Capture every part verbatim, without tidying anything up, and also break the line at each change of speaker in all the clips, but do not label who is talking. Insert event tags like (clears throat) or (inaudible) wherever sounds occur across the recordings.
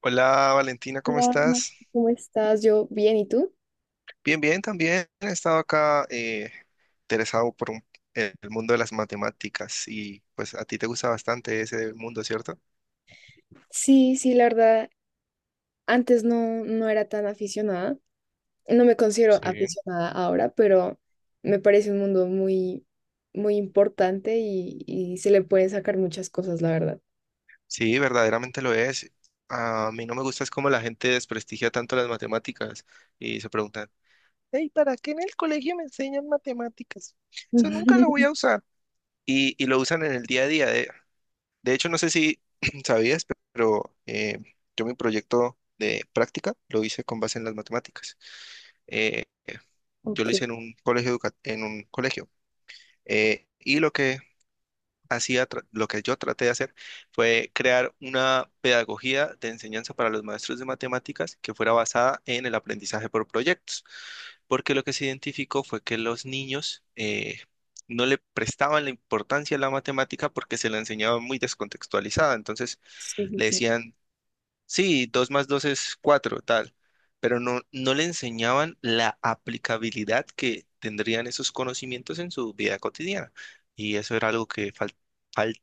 Hola Valentina, ¿cómo
Hola, Ma-
estás?
¿Cómo estás? Yo bien, ¿y tú?
Bien, bien, también he estado acá eh, interesado por un- el mundo de las matemáticas y pues a ti te gusta bastante ese mundo, ¿cierto?
Sí, sí, la verdad, antes no, no era tan aficionada. No me considero
Sí.
aficionada ahora, pero me parece un mundo muy, muy importante y, y se le pueden sacar muchas cosas, la verdad.
Sí, verdaderamente lo es. A mí no me gusta es cómo la gente desprestigia tanto las matemáticas y se preguntan, hey, ¿para qué en el colegio me enseñan matemáticas? Eso nunca lo voy
(laughs)
a usar. Y, y lo usan en el día a día. De hecho, no sé si (clears throat) sabías, pero eh, yo mi proyecto de práctica lo hice con base en las matemáticas. Eh, yo lo
Ok,
hice en un colegio, educa- en un colegio. Eh, y lo que hacía, tra- lo que yo traté de hacer fue crear una pedagogía de enseñanza para los maestros de matemáticas que fuera basada en el aprendizaje por proyectos. Porque lo que se identificó fue que los niños eh, no le prestaban la importancia a la matemática porque se la enseñaba muy descontextualizada. Entonces,
sí, sí,
le
sí.
decían, sí, dos más dos es cuatro tal, pero no, no le enseñaban la aplicabilidad que tendrían esos conocimientos en su vida cotidiana. Y eso era algo que fal- fal-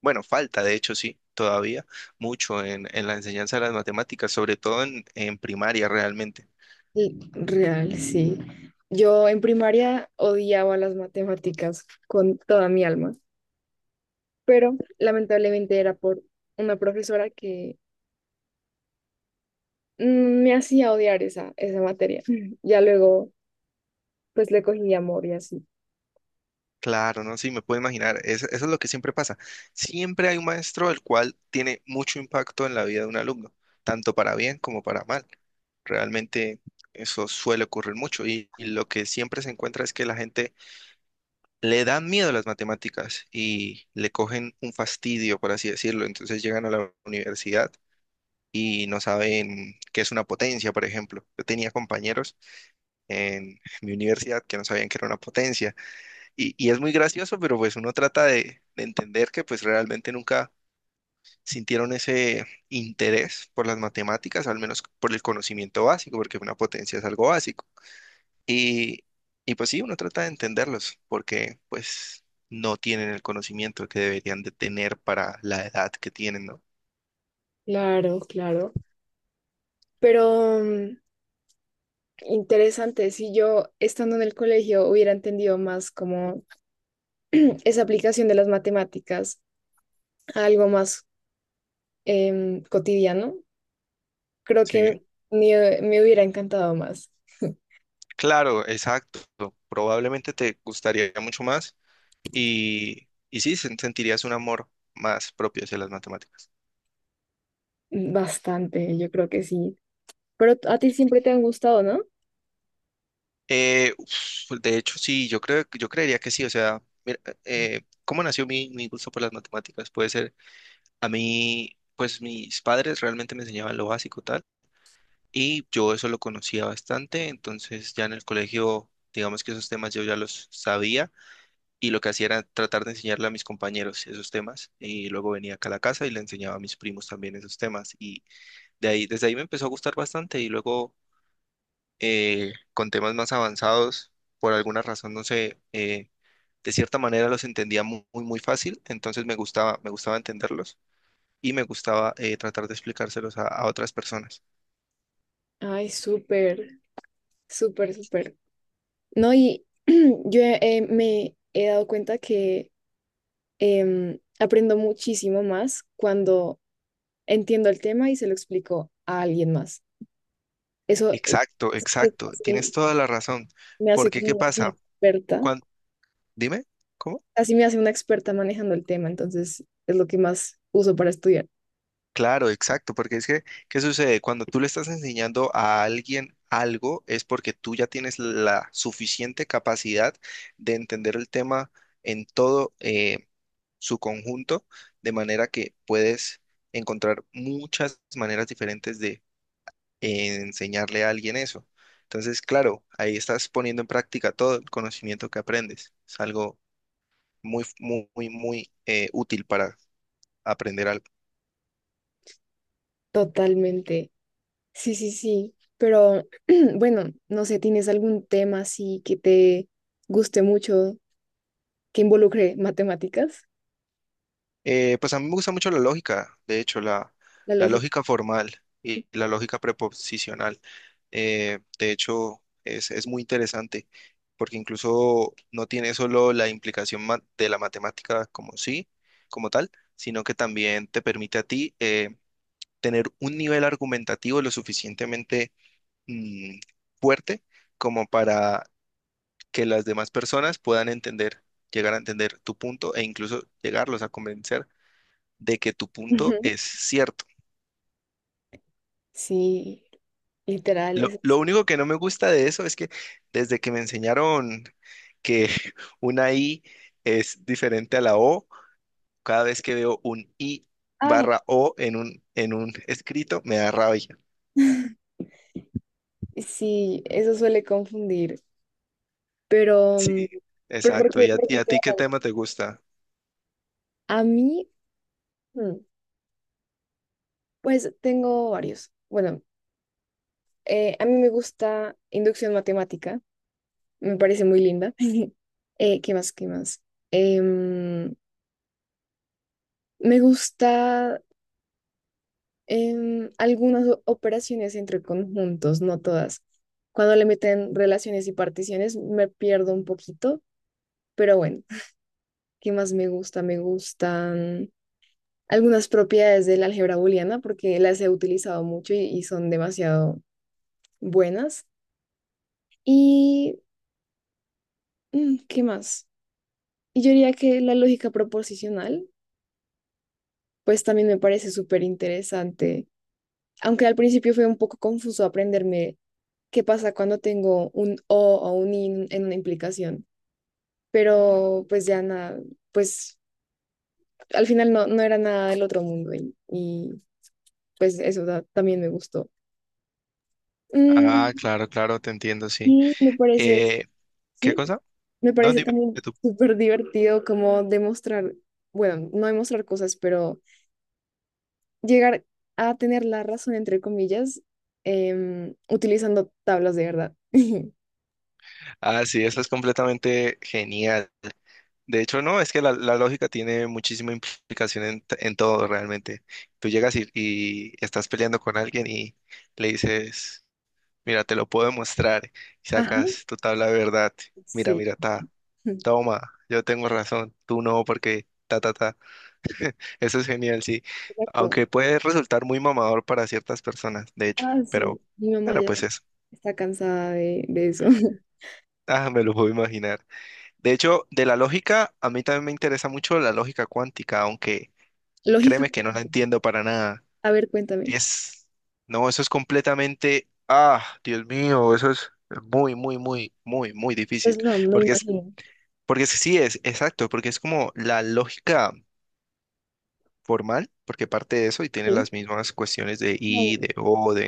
bueno, falta, de hecho, sí, todavía mucho en, en la enseñanza de las matemáticas, sobre todo en, en primaria realmente.
Y Real, sí. Yo en primaria odiaba las matemáticas con toda mi alma, pero lamentablemente era por una profesora mm, me hacía odiar esa, esa materia. (laughs) Ya luego, pues le cogí amor y así.
Claro, no, sí, me puedo imaginar. Es- eso es lo que siempre pasa. Siempre hay un maestro el cual tiene mucho impacto en la vida de un alumno, tanto para bien como para mal. Realmente eso suele ocurrir mucho y, y lo que siempre se encuentra es que la gente le da miedo a las matemáticas y le cogen un fastidio, por así decirlo. Entonces llegan a la universidad y no saben qué es una potencia, por ejemplo. Yo tenía compañeros en mi universidad que no sabían qué era una potencia y, y es muy gracioso, pero pues uno trata de, de entender que pues realmente nunca sintieron ese interés por las matemáticas, al menos por el conocimiento básico, porque una potencia es algo básico. Y, y pues sí, uno trata de entenderlos, porque pues no tienen el conocimiento que deberían de tener para la edad que tienen, ¿no?
Claro, claro. Pero mm, interesante, si yo estando en el colegio hubiera entendido más como (clears throat) esa aplicación de las matemáticas a algo más em, cotidiano, creo
Sí,
que me, me hubiera encantado más.
claro, exacto. Probablemente te gustaría mucho más y, y sí, sen- sentirías un amor más propio hacia las matemáticas.
Mm, bastante, yo creo que sí. Pero a ti siempre te han gustado, ¿no?
Eh, uf, de hecho, sí, yo creo, yo creería que sí. O sea, mira, eh, ¿cómo nació mi, mi gusto por las matemáticas? Puede ser, a mí, pues mis padres realmente me enseñaban lo básico tal, y yo eso lo conocía bastante, entonces ya en el colegio, digamos que esos temas yo ya los sabía, y lo que hacía era tratar de enseñarle a mis compañeros esos temas, y luego venía acá a la casa y le enseñaba a mis primos también esos temas, y de ahí, desde ahí me empezó a gustar bastante, y luego eh, con temas más avanzados, por alguna razón, no sé, eh, de cierta manera los entendía mu- muy, muy, fácil, entonces me gustaba, me gustaba entenderlos y me gustaba eh, tratar de explicárselos a, a otras personas.
Ay, súper. Súper, súper. No, y (clears throat) yo eh, me he dado cuenta que em, aprendo muchísimo más cuando entiendo el tema y se lo explico a alguien más. Eso eh,
Exacto,
sí,
exacto, tienes
sí,
toda la razón,
me hace
porque ¿qué
como una
pasa?
experta,
Cuan- Dime, ¿cómo?
así me hace una experta manejando el tema, entonces es lo que más uso para estudiar.
Claro, exacto, porque es que, ¿qué sucede? Cuando tú le estás enseñando a alguien algo, es porque tú ya tienes la suficiente capacidad de entender el tema en todo, eh, su conjunto, de manera que puedes encontrar muchas maneras diferentes de eh, enseñarle a alguien eso. Entonces, claro, ahí estás poniendo en práctica todo el conocimiento que aprendes. Es algo muy, muy, muy, muy eh, útil para aprender algo.
Totalmente. Sí, sí, sí. Pero (clears throat) bueno, no sé, ¿tienes algún tema así que te guste mucho, que involucre matemáticas,
Eh, pues a mí me gusta mucho la lógica, de hecho, la,
la
la
lógica?
lógica formal y la lógica preposicional. Eh, de hecho, es, es muy interesante porque incluso no tiene solo la implicación ma- de la matemática como sí, como tal, sino que también te permite a ti eh, tener un nivel argumentativo lo suficientemente mm, fuerte como para que las demás personas puedan entender, llegar a entender tu punto e incluso llegarlos a convencer de que tu punto es
(laughs)
cierto.
Sí, literal,
Lo,
eso
lo
es-
único que no me gusta de eso es que desde que me enseñaron que (laughs) una I es diferente a la O, cada vez que veo un I
Ah,
barra O en un, en un escrito, me da rabia.
sí, eso suele confundir, pero, mm,
Sí,
pero ¿por
exacto.
qué,
¿Y a,
por
y
qué
a
te va
ti qué
mal?
tema te gusta?
A mí, mm, pues tengo varios. Bueno, eh, a mí me gusta inducción matemática, me parece muy linda. (laughs) Eh, ¿qué más? ¿Qué más? Em, me gusta em, algunas o- operaciones entre conjuntos, no todas. Cuando le meten relaciones y particiones me pierdo un poquito, pero bueno. ¿Qué más me gusta? Me gustan algunas propiedades del álgebra booleana porque las he utilizado mucho y, y son demasiado buenas. ¿Y mm, qué más? Y yo diría que la lógica proposicional, pues también me parece súper interesante, aunque al principio fue un poco confuso aprenderme qué pasa cuando tengo un o o un in en una implicación, pero pues ya nada, pues al final no, no era nada del otro mundo y, y, pues eso da- también me gustó.
Ah,
Mm,
claro, claro, te entiendo, sí.
y me parece,
Eh, ¿qué
sí,
cosa?
me
No,
parece
dime
también
tú.
súper divertido como demostrar, bueno, no demostrar cosas, pero llegar a tener la razón, entre comillas, em, utilizando tablas de verdad. (laughs)
Ah, sí, eso es completamente genial. De hecho, no, es que la, la lógica tiene muchísima implicación en, t- en todo realmente. Tú llegas y, y estás peleando con alguien y le dices, mira, te lo puedo demostrar, y
Ajá.
sacas tu tabla de verdad, mira,
Sí,
mira, ta,
(laughs)
toma, yo tengo razón, tú no, porque ta, ta, ta. Eso es genial, sí.
exacto.
Aunque puede resultar muy mamador para ciertas personas, de hecho,
Ah, sí,
pero,
mi mamá
pero
ya
pues eso.
está cansada de, de eso. (laughs)
Ah, me lo puedo imaginar. De hecho, de la lógica, a mí también me interesa mucho la lógica cuántica, aunque
Lógica
créeme que no la
cuántica.
entiendo para nada.
A ver, cuéntame.
Es, no, eso es completamente, ah, Dios mío, eso es muy, muy, muy, muy, muy
Pues
difícil.
no, me
Porque es,
imagino.
porque es- sí es, exacto, porque es como la lógica formal, porque parte de eso y tiene
Sí.
las mismas cuestiones de y,
Ay,
de o, de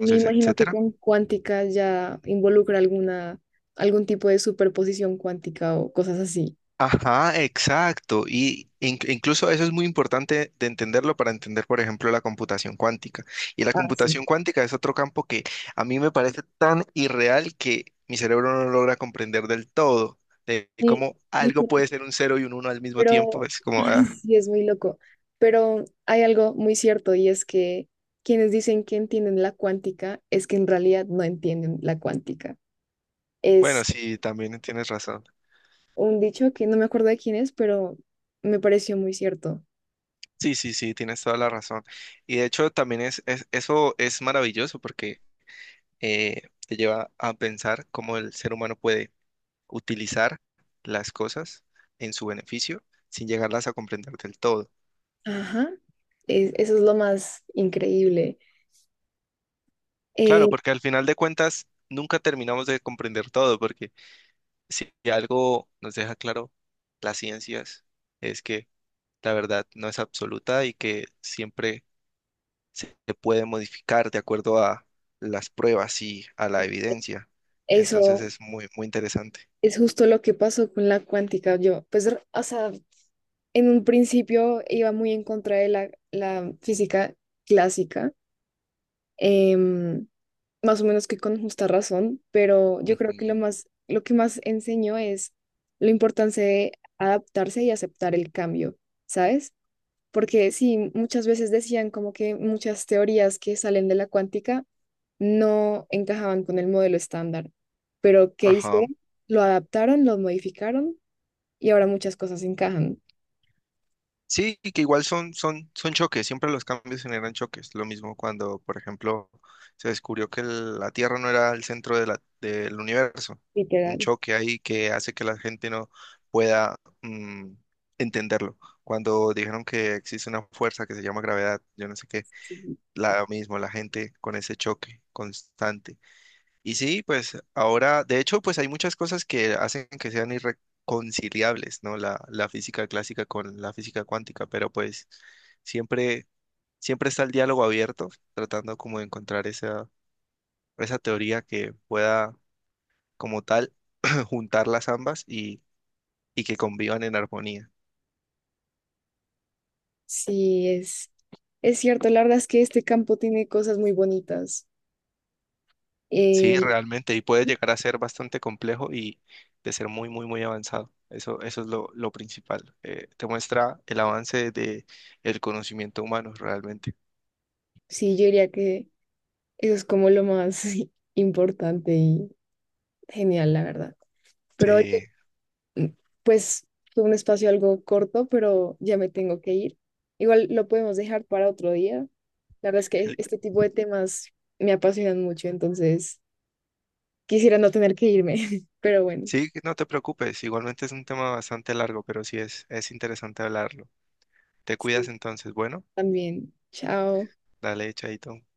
me imagino que
etcétera.
con cuántica ya involucra alguna, algún tipo de superposición cuántica o cosas así.
Ajá, exacto. Y in- incluso eso es muy importante de entenderlo para entender, por ejemplo, la computación cuántica. Y la
Ah, sí.
computación cuántica es otro campo que a mí me parece tan irreal que mi cerebro no logra comprender del todo, de
Sí,
cómo algo
literal,
puede ser un cero y un uno al mismo tiempo.
pero
Es
(laughs)
como,
ay,
ah,
sí es muy loco. Pero hay algo muy cierto y es que quienes dicen que entienden la cuántica es que en realidad no entienden la cuántica.
bueno,
Es
sí, también tienes razón.
un dicho que no me acuerdo de quién es, pero me pareció muy cierto.
Sí, sí, sí, tienes toda la razón. Y de hecho, también es, es- eso es maravilloso porque eh, te lleva a pensar cómo el ser humano puede utilizar las cosas en su beneficio sin llegarlas a comprender del todo.
Ajá, es- eso es lo más increíble.
Claro,
Eh,
porque al final de cuentas nunca terminamos de comprender todo, porque si algo nos deja claro las ciencias es que la verdad no es absoluta y que siempre se puede modificar de acuerdo a las pruebas y a la evidencia. Entonces
eso
es muy, muy interesante.
es justo lo que pasó con la cuántica. Yo, pues, r- o sea, en un principio iba muy en contra de la, la física clásica, em, más o menos que con justa razón, pero yo creo que lo
Ujú.
más, lo que más enseñó es la importancia de adaptarse y aceptar el cambio, ¿sabes? Porque sí, muchas veces decían como que muchas teorías que salen de la cuántica no encajaban con el modelo estándar, pero ¿qué
Ajá.
hicieron? Lo adaptaron, lo modificaron y ahora muchas cosas encajan.
Sí, y que igual son, son, son choques, siempre los cambios generan choques. Lo mismo cuando, por ejemplo, se descubrió que el- la Tierra no era el centro de la- del universo. Un
Literal.
choque ahí que hace que la gente no pueda mm, entenderlo. Cuando dijeron que existe una fuerza que se llama gravedad, yo no sé qué, la mismo, la gente con ese choque constante. Y sí, pues ahora, de hecho, pues hay muchas cosas que hacen que sean irreconciliables, ¿no? La, la física clásica con la física cuántica, pero pues siempre, siempre está el diálogo abierto, tratando como de encontrar esa, esa teoría que pueda como tal (clears throat) juntar las ambas y, y que convivan en armonía.
Sí, es, es cierto, la verdad es que este campo tiene cosas muy bonitas.
Sí,
Eh,
realmente, y puede llegar a ser bastante complejo y de ser muy, muy, muy avanzado. Eso, eso es lo, lo principal. Eh, te muestra el avance de el conocimiento humano realmente.
sí, yo diría que eso es como lo más (laughs) importante y genial, la verdad. Pero oye,
Sí,
mm, pues fue un espacio algo corto, pero ya me tengo que ir. Igual lo podemos dejar para otro día. La verdad es que
Li-
este tipo de temas me apasionan mucho, entonces quisiera no tener que irme, (laughs) pero bueno,
sí, no te preocupes, igualmente es un tema bastante largo, pero sí es, es interesante hablarlo. Te cuidas
sí.
entonces, bueno,
También. Chao.
dale, chaito.